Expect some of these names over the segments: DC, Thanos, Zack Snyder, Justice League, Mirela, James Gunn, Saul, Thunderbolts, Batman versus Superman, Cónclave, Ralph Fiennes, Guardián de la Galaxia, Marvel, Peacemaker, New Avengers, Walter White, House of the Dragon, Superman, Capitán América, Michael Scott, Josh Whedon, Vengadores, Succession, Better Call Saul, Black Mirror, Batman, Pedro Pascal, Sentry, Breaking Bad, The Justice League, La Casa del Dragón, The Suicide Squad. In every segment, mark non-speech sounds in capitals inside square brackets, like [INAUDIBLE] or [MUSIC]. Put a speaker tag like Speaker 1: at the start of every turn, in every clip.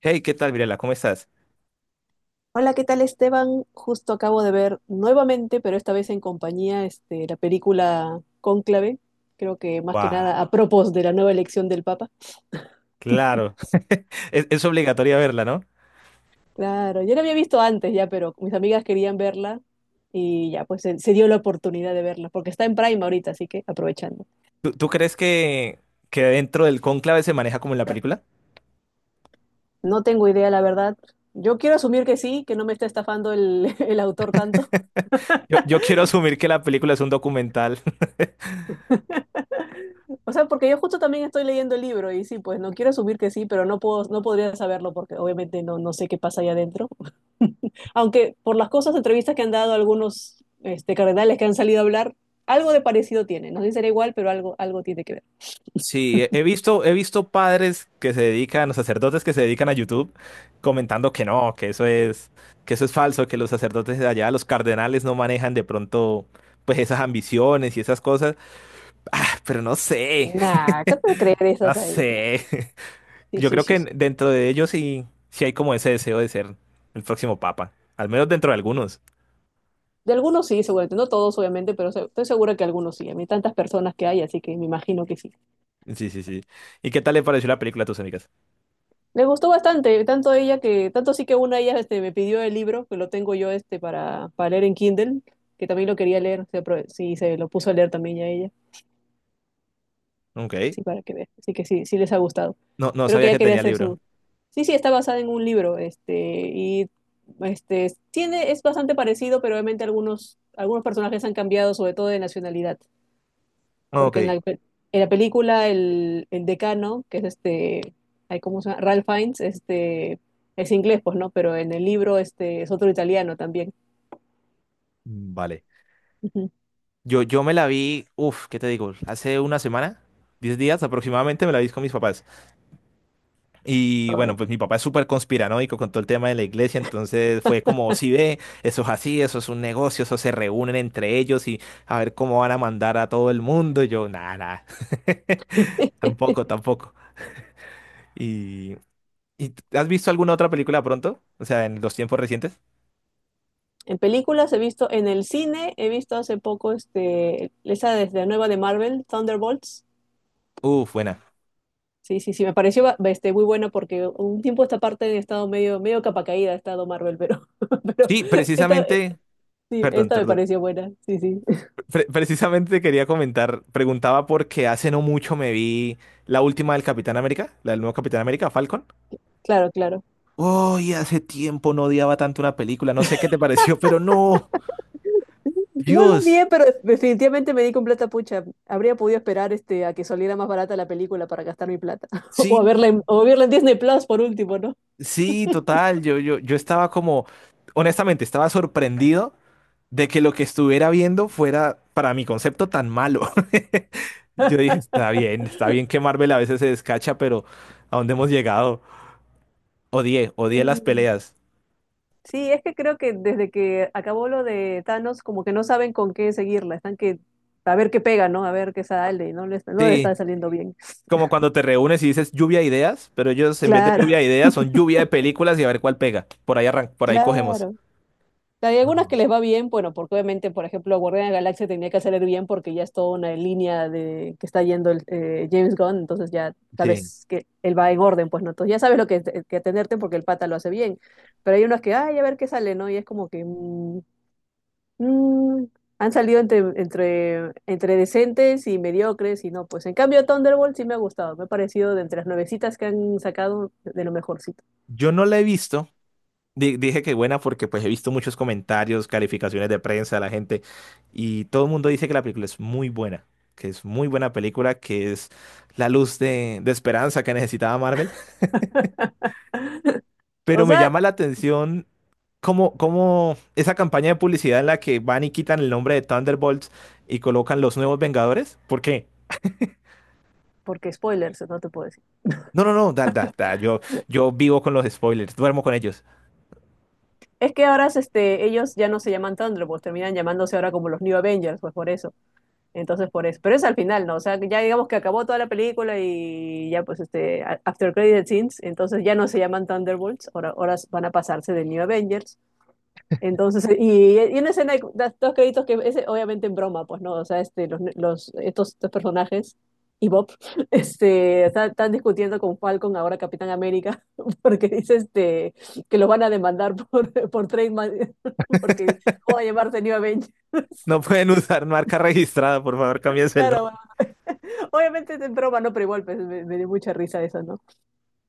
Speaker 1: Hey, ¿qué tal, Mirela? ¿Cómo estás?
Speaker 2: Hola, ¿qué tal, Esteban? Justo acabo de ver nuevamente, pero esta vez en compañía, la película Cónclave, creo que más que
Speaker 1: ¡Guau!
Speaker 2: nada a propósito de la nueva elección del Papa.
Speaker 1: Claro. [LAUGHS] Es obligatoria verla, ¿no?
Speaker 2: Claro, yo la había visto antes ya, pero mis amigas querían verla y ya, pues se dio la oportunidad de verla, porque está en Prime ahorita, así que aprovechando.
Speaker 1: ¿Tú crees que dentro del cónclave se maneja como en la película?
Speaker 2: No tengo idea, la verdad. Yo quiero asumir que sí, que no me está estafando [LAUGHS] el autor tanto.
Speaker 1: Yo quiero asumir que la película es un documental. [LAUGHS]
Speaker 2: O sea, porque yo justo también estoy leyendo el libro y sí, pues no quiero asumir que sí, pero no puedo, no podría saberlo porque obviamente no sé qué pasa ahí adentro. [LAUGHS] Aunque por las cosas, entrevistas que han dado algunos cardenales que han salido a hablar, algo de parecido tiene. No sé si será igual, pero algo tiene que ver.
Speaker 1: Sí, he visto padres que se dedican, o sacerdotes que se dedican a YouTube, comentando que no, que eso es falso, que los sacerdotes de allá, los cardenales no manejan de pronto, pues esas ambiciones y esas cosas. Ah, pero no sé,
Speaker 2: Nah, ¿qué te creer
Speaker 1: [LAUGHS] no
Speaker 2: esas ahí ya?
Speaker 1: sé.
Speaker 2: Sí,
Speaker 1: Yo
Speaker 2: sí,
Speaker 1: creo
Speaker 2: sí,
Speaker 1: que
Speaker 2: sí.
Speaker 1: dentro de ellos sí, sí hay como ese deseo de ser el próximo papa. Al menos dentro de algunos.
Speaker 2: De algunos sí, seguramente. No todos, obviamente, pero estoy segura que algunos sí. A mí tantas personas que hay, así que me imagino que sí.
Speaker 1: Sí, sí, sí. ¿Y qué tal le pareció la película a tus amigas?
Speaker 2: Le gustó bastante, tanto sí que una de ellas me pidió el libro, que lo tengo yo para leer en Kindle, que también lo quería leer, sí, se lo puso a leer también ya ella,
Speaker 1: Ok.
Speaker 2: así para que veas, así que sí, sí les ha gustado.
Speaker 1: No, no
Speaker 2: Creo que
Speaker 1: sabía
Speaker 2: ella
Speaker 1: que
Speaker 2: quería
Speaker 1: tenía
Speaker 2: hacer
Speaker 1: libro.
Speaker 2: su. Sí, sí, está basada en un libro, y es bastante parecido, pero obviamente algunos personajes han cambiado, sobre todo de nacionalidad,
Speaker 1: Ok.
Speaker 2: porque en en la película el decano, que es ay, ¿cómo se llama? Ralph Fiennes, es inglés, pues, ¿no? Pero en el libro es otro italiano también.
Speaker 1: Vale.
Speaker 2: Ujú.
Speaker 1: Yo me la vi, ¿qué te digo? Hace una semana. 10 días aproximadamente me la vi con mis papás. Y bueno,
Speaker 2: Ay.
Speaker 1: pues mi papá es súper conspiranoico con todo el tema de la iglesia, entonces fue como, si ve, eso es así, eso es un negocio, eso se reúnen entre ellos y a ver cómo van a mandar a todo el mundo. Y yo, nada, nada. [LAUGHS] Tampoco, tampoco. ¿Y, has visto alguna otra película pronto? O sea, en los tiempos recientes.
Speaker 2: En películas he visto, en el cine he visto hace poco esa desde la nueva de Marvel, Thunderbolts.
Speaker 1: Uf, buena.
Speaker 2: Sí, sí, sí, me pareció muy buena porque un tiempo esta parte he estado medio capa caída, ha estado Marvel, [LAUGHS] pero
Speaker 1: Sí,
Speaker 2: esta, eh,
Speaker 1: precisamente,
Speaker 2: sí,
Speaker 1: perdón,
Speaker 2: esta me
Speaker 1: perdón.
Speaker 2: pareció buena, sí, sí, [LAUGHS]
Speaker 1: Precisamente quería comentar, preguntaba porque hace no mucho me vi la última del Capitán América, la del nuevo Capitán América, Falcon.
Speaker 2: claro, claro.
Speaker 1: Oh, y hace tiempo no odiaba tanto una película, no sé qué te pareció, pero no,
Speaker 2: No lo
Speaker 1: Dios.
Speaker 2: odié, pero definitivamente me di con plata pucha. Habría podido esperar a que saliera más barata la película para gastar mi plata. [LAUGHS] O a
Speaker 1: Sí,
Speaker 2: verla en Disney Plus por último, ¿no?
Speaker 1: sí, total, yo estaba como, honestamente, estaba sorprendido de que lo que estuviera viendo fuera para mi concepto tan malo. [LAUGHS] Yo dije, está bien que Marvel a veces se descacha, pero ¿a dónde hemos llegado? Odié, odié las
Speaker 2: Sí.
Speaker 1: peleas.
Speaker 2: Sí, es que creo que desde que acabó lo de Thanos, como que no saben con qué seguirla. Están que a ver qué pega, ¿no? A ver qué sale, y no le está
Speaker 1: Sí,
Speaker 2: saliendo bien.
Speaker 1: como cuando te reúnes y dices lluvia de ideas, pero ellos en vez de
Speaker 2: Claro,
Speaker 1: lluvia de ideas son lluvia de películas y a ver cuál pega. Por ahí arran
Speaker 2: [LAUGHS]
Speaker 1: por ahí cogemos.
Speaker 2: claro. Hay algunas que
Speaker 1: No.
Speaker 2: les va bien, bueno, porque obviamente, por ejemplo, Guardián de la Galaxia tenía que salir bien porque ya es toda una línea de que está yendo James Gunn, entonces ya
Speaker 1: Sí.
Speaker 2: sabes que él va en orden, pues no, entonces ya sabes que atenderte porque el pata lo hace bien. Pero hay unas que, ay, a ver qué sale, ¿no? Y es como que mm, han salido entre decentes y mediocres y no, pues en cambio Thunderbolt sí me ha gustado, me ha parecido de entre las nuevecitas que han sacado de lo mejorcito.
Speaker 1: Yo no la he visto. Dije que buena porque pues he visto muchos comentarios, calificaciones de prensa de la gente y todo el mundo dice que la película es muy buena, que es muy buena película, que es la luz de esperanza que necesitaba Marvel. [LAUGHS]
Speaker 2: O
Speaker 1: Pero me
Speaker 2: sea,
Speaker 1: llama la atención cómo, cómo esa campaña de publicidad en la que van y quitan el nombre de Thunderbolts y colocan los nuevos Vengadores. ¿Por qué?
Speaker 2: porque spoilers, no te puedo.
Speaker 1: No, no, no, da, da, da, yo vivo con los spoilers, duermo con ellos.
Speaker 2: Es que ahora ellos ya no se llaman Thunderbolts, terminan llamándose ahora como los New Avengers, pues por eso. Entonces, por eso. Pero es al final, ¿no? O sea, ya digamos que acabó toda la película y ya pues after credit scenes, entonces ya no se llaman Thunderbolts, ahora van a pasarse de New Avengers. Entonces, [LAUGHS] y en la escena hay dos créditos que es obviamente en broma, pues, ¿no? O sea, estos personajes y Bob [LAUGHS] están discutiendo con Falcon, ahora Capitán América, [LAUGHS] porque dice que los van a demandar [LAUGHS] por trademark, [LAUGHS] porque ¿cómo va a llamarse New Avenger? [LAUGHS]
Speaker 1: No pueden usar marca registrada, por favor, cámbiense el
Speaker 2: Claro,
Speaker 1: nombre.
Speaker 2: obviamente es en broma, no, pero igual pues, me dio mucha risa eso, ¿no?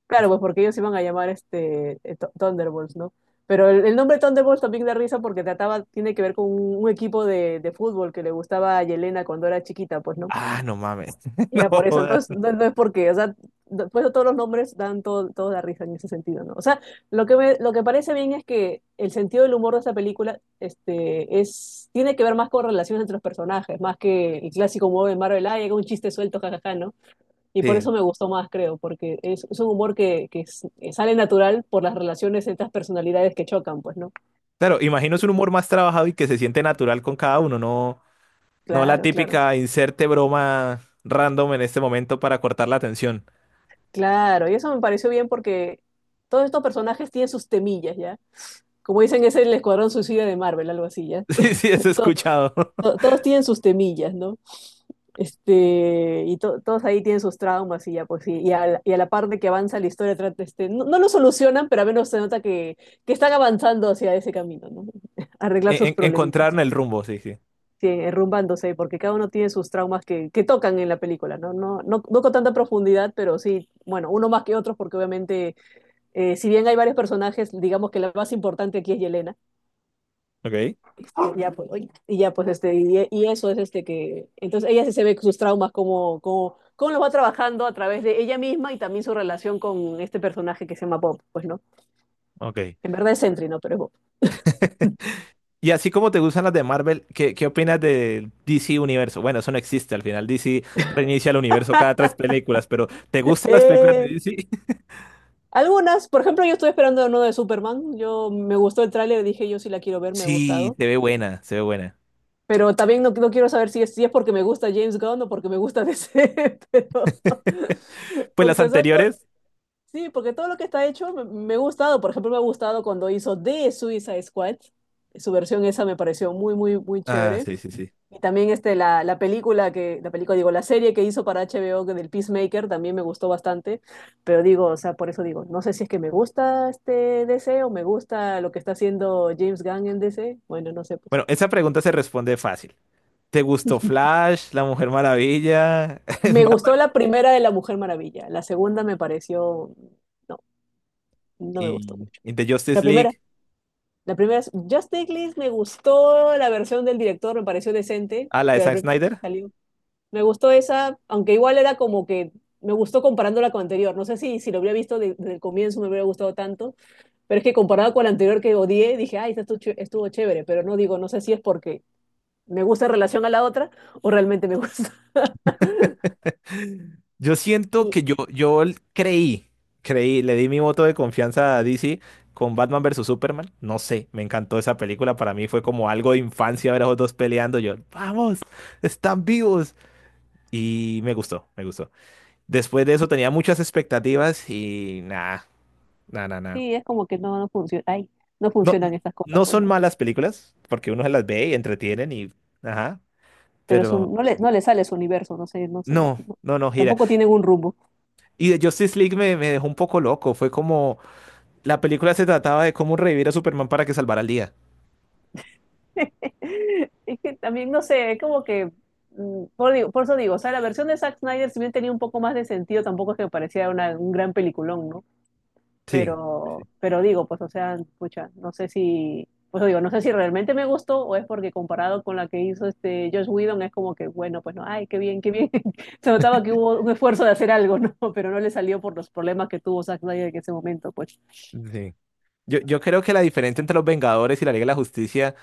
Speaker 2: Claro, pues porque ellos se iban a llamar Thunderbolts, ¿no? Pero el nombre Thunderbolts también da risa porque tiene que ver con un equipo de fútbol que le gustaba a Yelena cuando era chiquita, pues, ¿no?
Speaker 1: Ah, no mames. [LAUGHS]
Speaker 2: Y
Speaker 1: No,
Speaker 2: era por eso,
Speaker 1: jodas.
Speaker 2: entonces no es porque, o sea, después de todos los nombres dan todo la risa en ese sentido, ¿no? O sea, lo que parece bien es que el sentido del humor de esta película tiene que ver más con relaciones entre los personajes, más que el clásico modo de Marvel, ah, llega un chiste suelto, jajaja, ¿no? Y por eso
Speaker 1: Sí,
Speaker 2: me gustó más, creo, porque es un humor que sale natural por las relaciones entre las personalidades que chocan, pues, ¿no?
Speaker 1: claro, imagino es un humor más trabajado y que se siente natural con cada uno, no, no la
Speaker 2: Claro, claro,
Speaker 1: típica inserte broma random en este momento para cortar la atención. [LAUGHS]
Speaker 2: claro. Y eso me pareció bien porque todos estos personajes tienen sus temillas, ¿ya? Como dicen, es el Escuadrón Suicida de Marvel, algo así, ¿ya?
Speaker 1: Sí, sí, eso he escuchado. [LAUGHS]
Speaker 2: Todos tienen sus temillas, ¿no? Todos ahí tienen sus traumas y ya, pues, y a la par de que avanza la historia, trata, este, no, no lo solucionan, pero al menos se nota que, están avanzando hacia ese camino, ¿no? [LAUGHS] Arreglar sus problemitas.
Speaker 1: Encontraron el rumbo, sí, sí.
Speaker 2: Sí, enrumbándose, porque cada uno tiene sus traumas que tocan en la película, ¿no? No no con tanta profundidad, pero sí, bueno, uno más que otros, porque obviamente, si bien hay varios personajes, digamos que la más importante aquí es Yelena,
Speaker 1: Ok.
Speaker 2: ya pues, oye, y ya pues, y eso es que, entonces ella sí se ve sus traumas cómo los va trabajando a través de ella misma y también su relación con este personaje que se llama Bob, pues, ¿no?
Speaker 1: Ok.
Speaker 2: En verdad es Sentry, ¿no? Pero es Bob.
Speaker 1: [LAUGHS] Y así como te gustan las de Marvel, ¿qué, qué opinas del DC Universo? Bueno, eso no existe al final. DC reinicia el universo cada tres películas, pero ¿te gustan las películas de
Speaker 2: Eh,
Speaker 1: DC? [LAUGHS]
Speaker 2: Algunas, por ejemplo, yo estoy esperando uno de Superman. Yo me gustó el tráiler, dije yo sí la quiero ver, me ha
Speaker 1: Sí,
Speaker 2: gustado.
Speaker 1: se ve buena, se ve buena.
Speaker 2: Pero también no quiero saber si es porque me gusta James Gunn o porque me gusta DC, [LAUGHS] pero
Speaker 1: [LAUGHS]
Speaker 2: [LAUGHS]
Speaker 1: Pues las
Speaker 2: porque o sea,
Speaker 1: anteriores.
Speaker 2: sí, porque todo lo que está hecho me ha gustado. Por ejemplo, me ha gustado cuando hizo The Suicide Squad. Su versión esa me pareció muy, muy, muy
Speaker 1: Ah,
Speaker 2: chévere.
Speaker 1: sí, sí, sí.
Speaker 2: Y también la, la película que, la película, digo, la serie que hizo para HBO que del Peacemaker también me gustó bastante, pero digo, o sea, por eso digo, no sé si es que me gusta DC o me gusta lo que está haciendo James Gunn en DC, bueno, no sé, pues.
Speaker 1: Bueno, esa pregunta se responde fácil. ¿Te gustó Flash, La Mujer Maravilla, [LAUGHS]
Speaker 2: Me
Speaker 1: Batman
Speaker 2: gustó la primera de La Mujer Maravilla, la segunda me pareció, no, no me gustó mucho.
Speaker 1: y The
Speaker 2: La
Speaker 1: Justice
Speaker 2: primera,
Speaker 1: League?
Speaker 2: la primera es Justice League, me gustó la versión del director, me pareció decente,
Speaker 1: A la de
Speaker 2: pero la
Speaker 1: Zack
Speaker 2: primera que
Speaker 1: Snyder.
Speaker 2: salió. Me gustó esa, aunque igual era como que me gustó comparándola con la anterior. No sé si lo hubiera visto desde el comienzo me hubiera gustado tanto, pero es que comparado con la anterior que odié, dije, ay, esta estuvo chévere, pero no digo, no sé si es porque me gusta en relación a la otra o realmente me gusta. [LAUGHS]
Speaker 1: [LAUGHS] Yo siento
Speaker 2: Y
Speaker 1: que yo creí, creí, le di mi voto de confianza a DC con Batman versus Superman. No sé, me encantó esa película. Para mí fue como algo de infancia ver a los dos peleando. Yo, vamos, están vivos. Y me gustó, me gustó. Después de eso tenía muchas expectativas y nada, nada, nada.
Speaker 2: sí, es como que no funciona, ay, no
Speaker 1: No,
Speaker 2: funcionan estas cosas,
Speaker 1: no
Speaker 2: pues,
Speaker 1: son
Speaker 2: ¿no?
Speaker 1: malas películas, porque uno se las ve y entretienen y... Ajá,
Speaker 2: Pero es
Speaker 1: pero
Speaker 2: no le sale su universo, no sé, no sé, no,
Speaker 1: no,
Speaker 2: no.
Speaker 1: no, no gira.
Speaker 2: Tampoco tienen un rumbo.
Speaker 1: Y de Justice League me, me dejó un poco loco. Fue como... La película se trataba de cómo revivir a Superman para que salvara el día.
Speaker 2: [LAUGHS] Es que también, no sé, es como que, por eso digo, o sea, la versión de Zack Snyder, si bien tenía un poco más de sentido, tampoco es que me parecía un gran peliculón, ¿no?
Speaker 1: Sí, sí, sí.
Speaker 2: Pero digo, pues, o sea, pucha, no sé si, pues digo, no sé si realmente me gustó o es porque comparado con la que hizo Josh Whedon, es como que, bueno, pues no, ay, qué bien, qué bien. [LAUGHS] Se notaba que hubo un esfuerzo de hacer algo, ¿no? [LAUGHS] Pero no le salió por los problemas que tuvo Zack Snyder en ese momento, pues.
Speaker 1: Sí. Yo creo que la diferencia entre los Vengadores y la Liga de la Justicia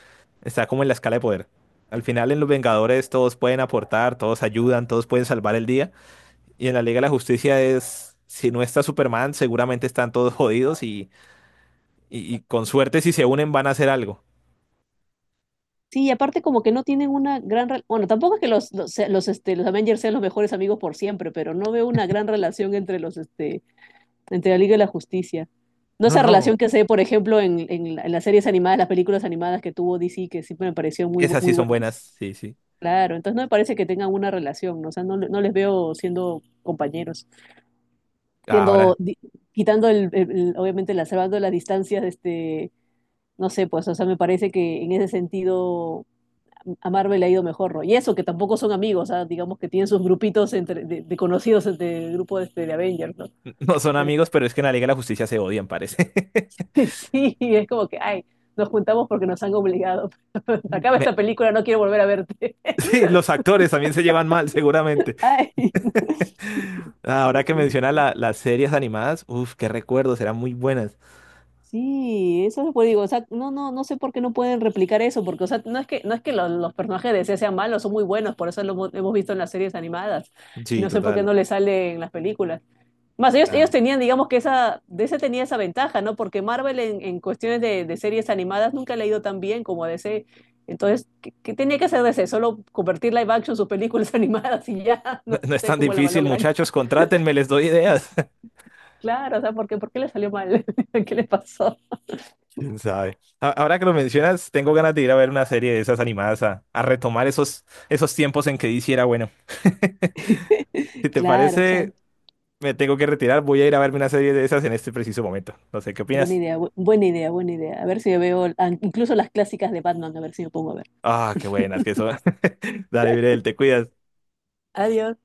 Speaker 1: está como en la escala de poder. Al final en los Vengadores todos pueden aportar, todos ayudan, todos pueden salvar el día. Y en la Liga de la Justicia es... Si no está Superman, seguramente están todos jodidos y con suerte, si se unen, van a hacer algo.
Speaker 2: Sí, y aparte como que no tienen una gran— Bueno, tampoco es que los Avengers sean los mejores amigos por siempre, pero no veo una gran relación entre entre la Liga y la Justicia. No
Speaker 1: No,
Speaker 2: esa
Speaker 1: no.
Speaker 2: relación que se ve, por ejemplo, en las series animadas, las películas animadas que tuvo DC, que siempre me parecieron
Speaker 1: Esas sí
Speaker 2: muy
Speaker 1: son
Speaker 2: buenas.
Speaker 1: buenas. Sí, sí.
Speaker 2: Claro, entonces no me parece que tengan una relación, ¿no? O sea, no les veo siendo compañeros,
Speaker 1: Ahora,
Speaker 2: siendo, di- quitando obviamente, salvando las distancias, no sé, pues, o sea, me parece que en ese sentido a Marvel le ha ido mejor, ¿no? Y eso, que tampoco son amigos, ¿ah? Digamos que tienen sus grupitos de conocidos entre el grupo de Avengers, ¿no?
Speaker 1: [LAUGHS] no son
Speaker 2: Pero
Speaker 1: amigos, pero es que en la Liga de la Justicia se odian, parece.
Speaker 2: [LAUGHS] sí, es como que, ay, nos juntamos porque nos han obligado. [LAUGHS]
Speaker 1: [LAUGHS]
Speaker 2: Acaba esta
Speaker 1: Me-
Speaker 2: película, no quiero volver a verte.
Speaker 1: Sí, los actores también se llevan mal, seguramente.
Speaker 2: [LAUGHS] Ay.
Speaker 1: [LAUGHS] Ahora
Speaker 2: Sí,
Speaker 1: que
Speaker 2: pues.
Speaker 1: menciona las series animadas, uff, qué recuerdos, eran muy buenas.
Speaker 2: Sí, eso es lo que digo, o sea, no sé por qué no pueden replicar eso, porque, o sea, no es que los personajes de DC sean malos, son muy buenos, por eso lo hemos visto en las series animadas, y
Speaker 1: Sí,
Speaker 2: no sé por qué
Speaker 1: total.
Speaker 2: no les sale en las películas. Más ellos
Speaker 1: Ah.
Speaker 2: tenían, digamos que esa, DC tenía esa ventaja, ¿no? Porque Marvel en cuestiones de series animadas nunca le ha ido tan bien como a DC. Entonces, qué tenía que hacer DC? Solo convertir live action sus películas [LAUGHS] animadas y ya,
Speaker 1: No,
Speaker 2: no
Speaker 1: no es
Speaker 2: sé
Speaker 1: tan
Speaker 2: cómo la
Speaker 1: difícil,
Speaker 2: malogran.
Speaker 1: muchachos, contrátenme, les doy ideas. [LAUGHS]
Speaker 2: Claro, o sea, por qué le salió mal? [LAUGHS] ¿Qué le pasó?
Speaker 1: ¿Quién sabe? A- Ahora que lo mencionas, tengo ganas de ir a ver una serie de esas animadas a retomar esos, esos tiempos en que DC era bueno. [LAUGHS] [LAUGHS] Si te
Speaker 2: Claro, o sea,
Speaker 1: parece, me tengo que retirar. Voy a ir a verme una serie de esas en este preciso momento. No sé qué
Speaker 2: buena
Speaker 1: opinas.
Speaker 2: idea, buena idea, buena idea. A ver si veo, incluso las clásicas de Batman, a ver si me pongo a ver.
Speaker 1: Ah, qué buenas que son. [LAUGHS] Dale, Mirel, te cuidas.
Speaker 2: Adiós.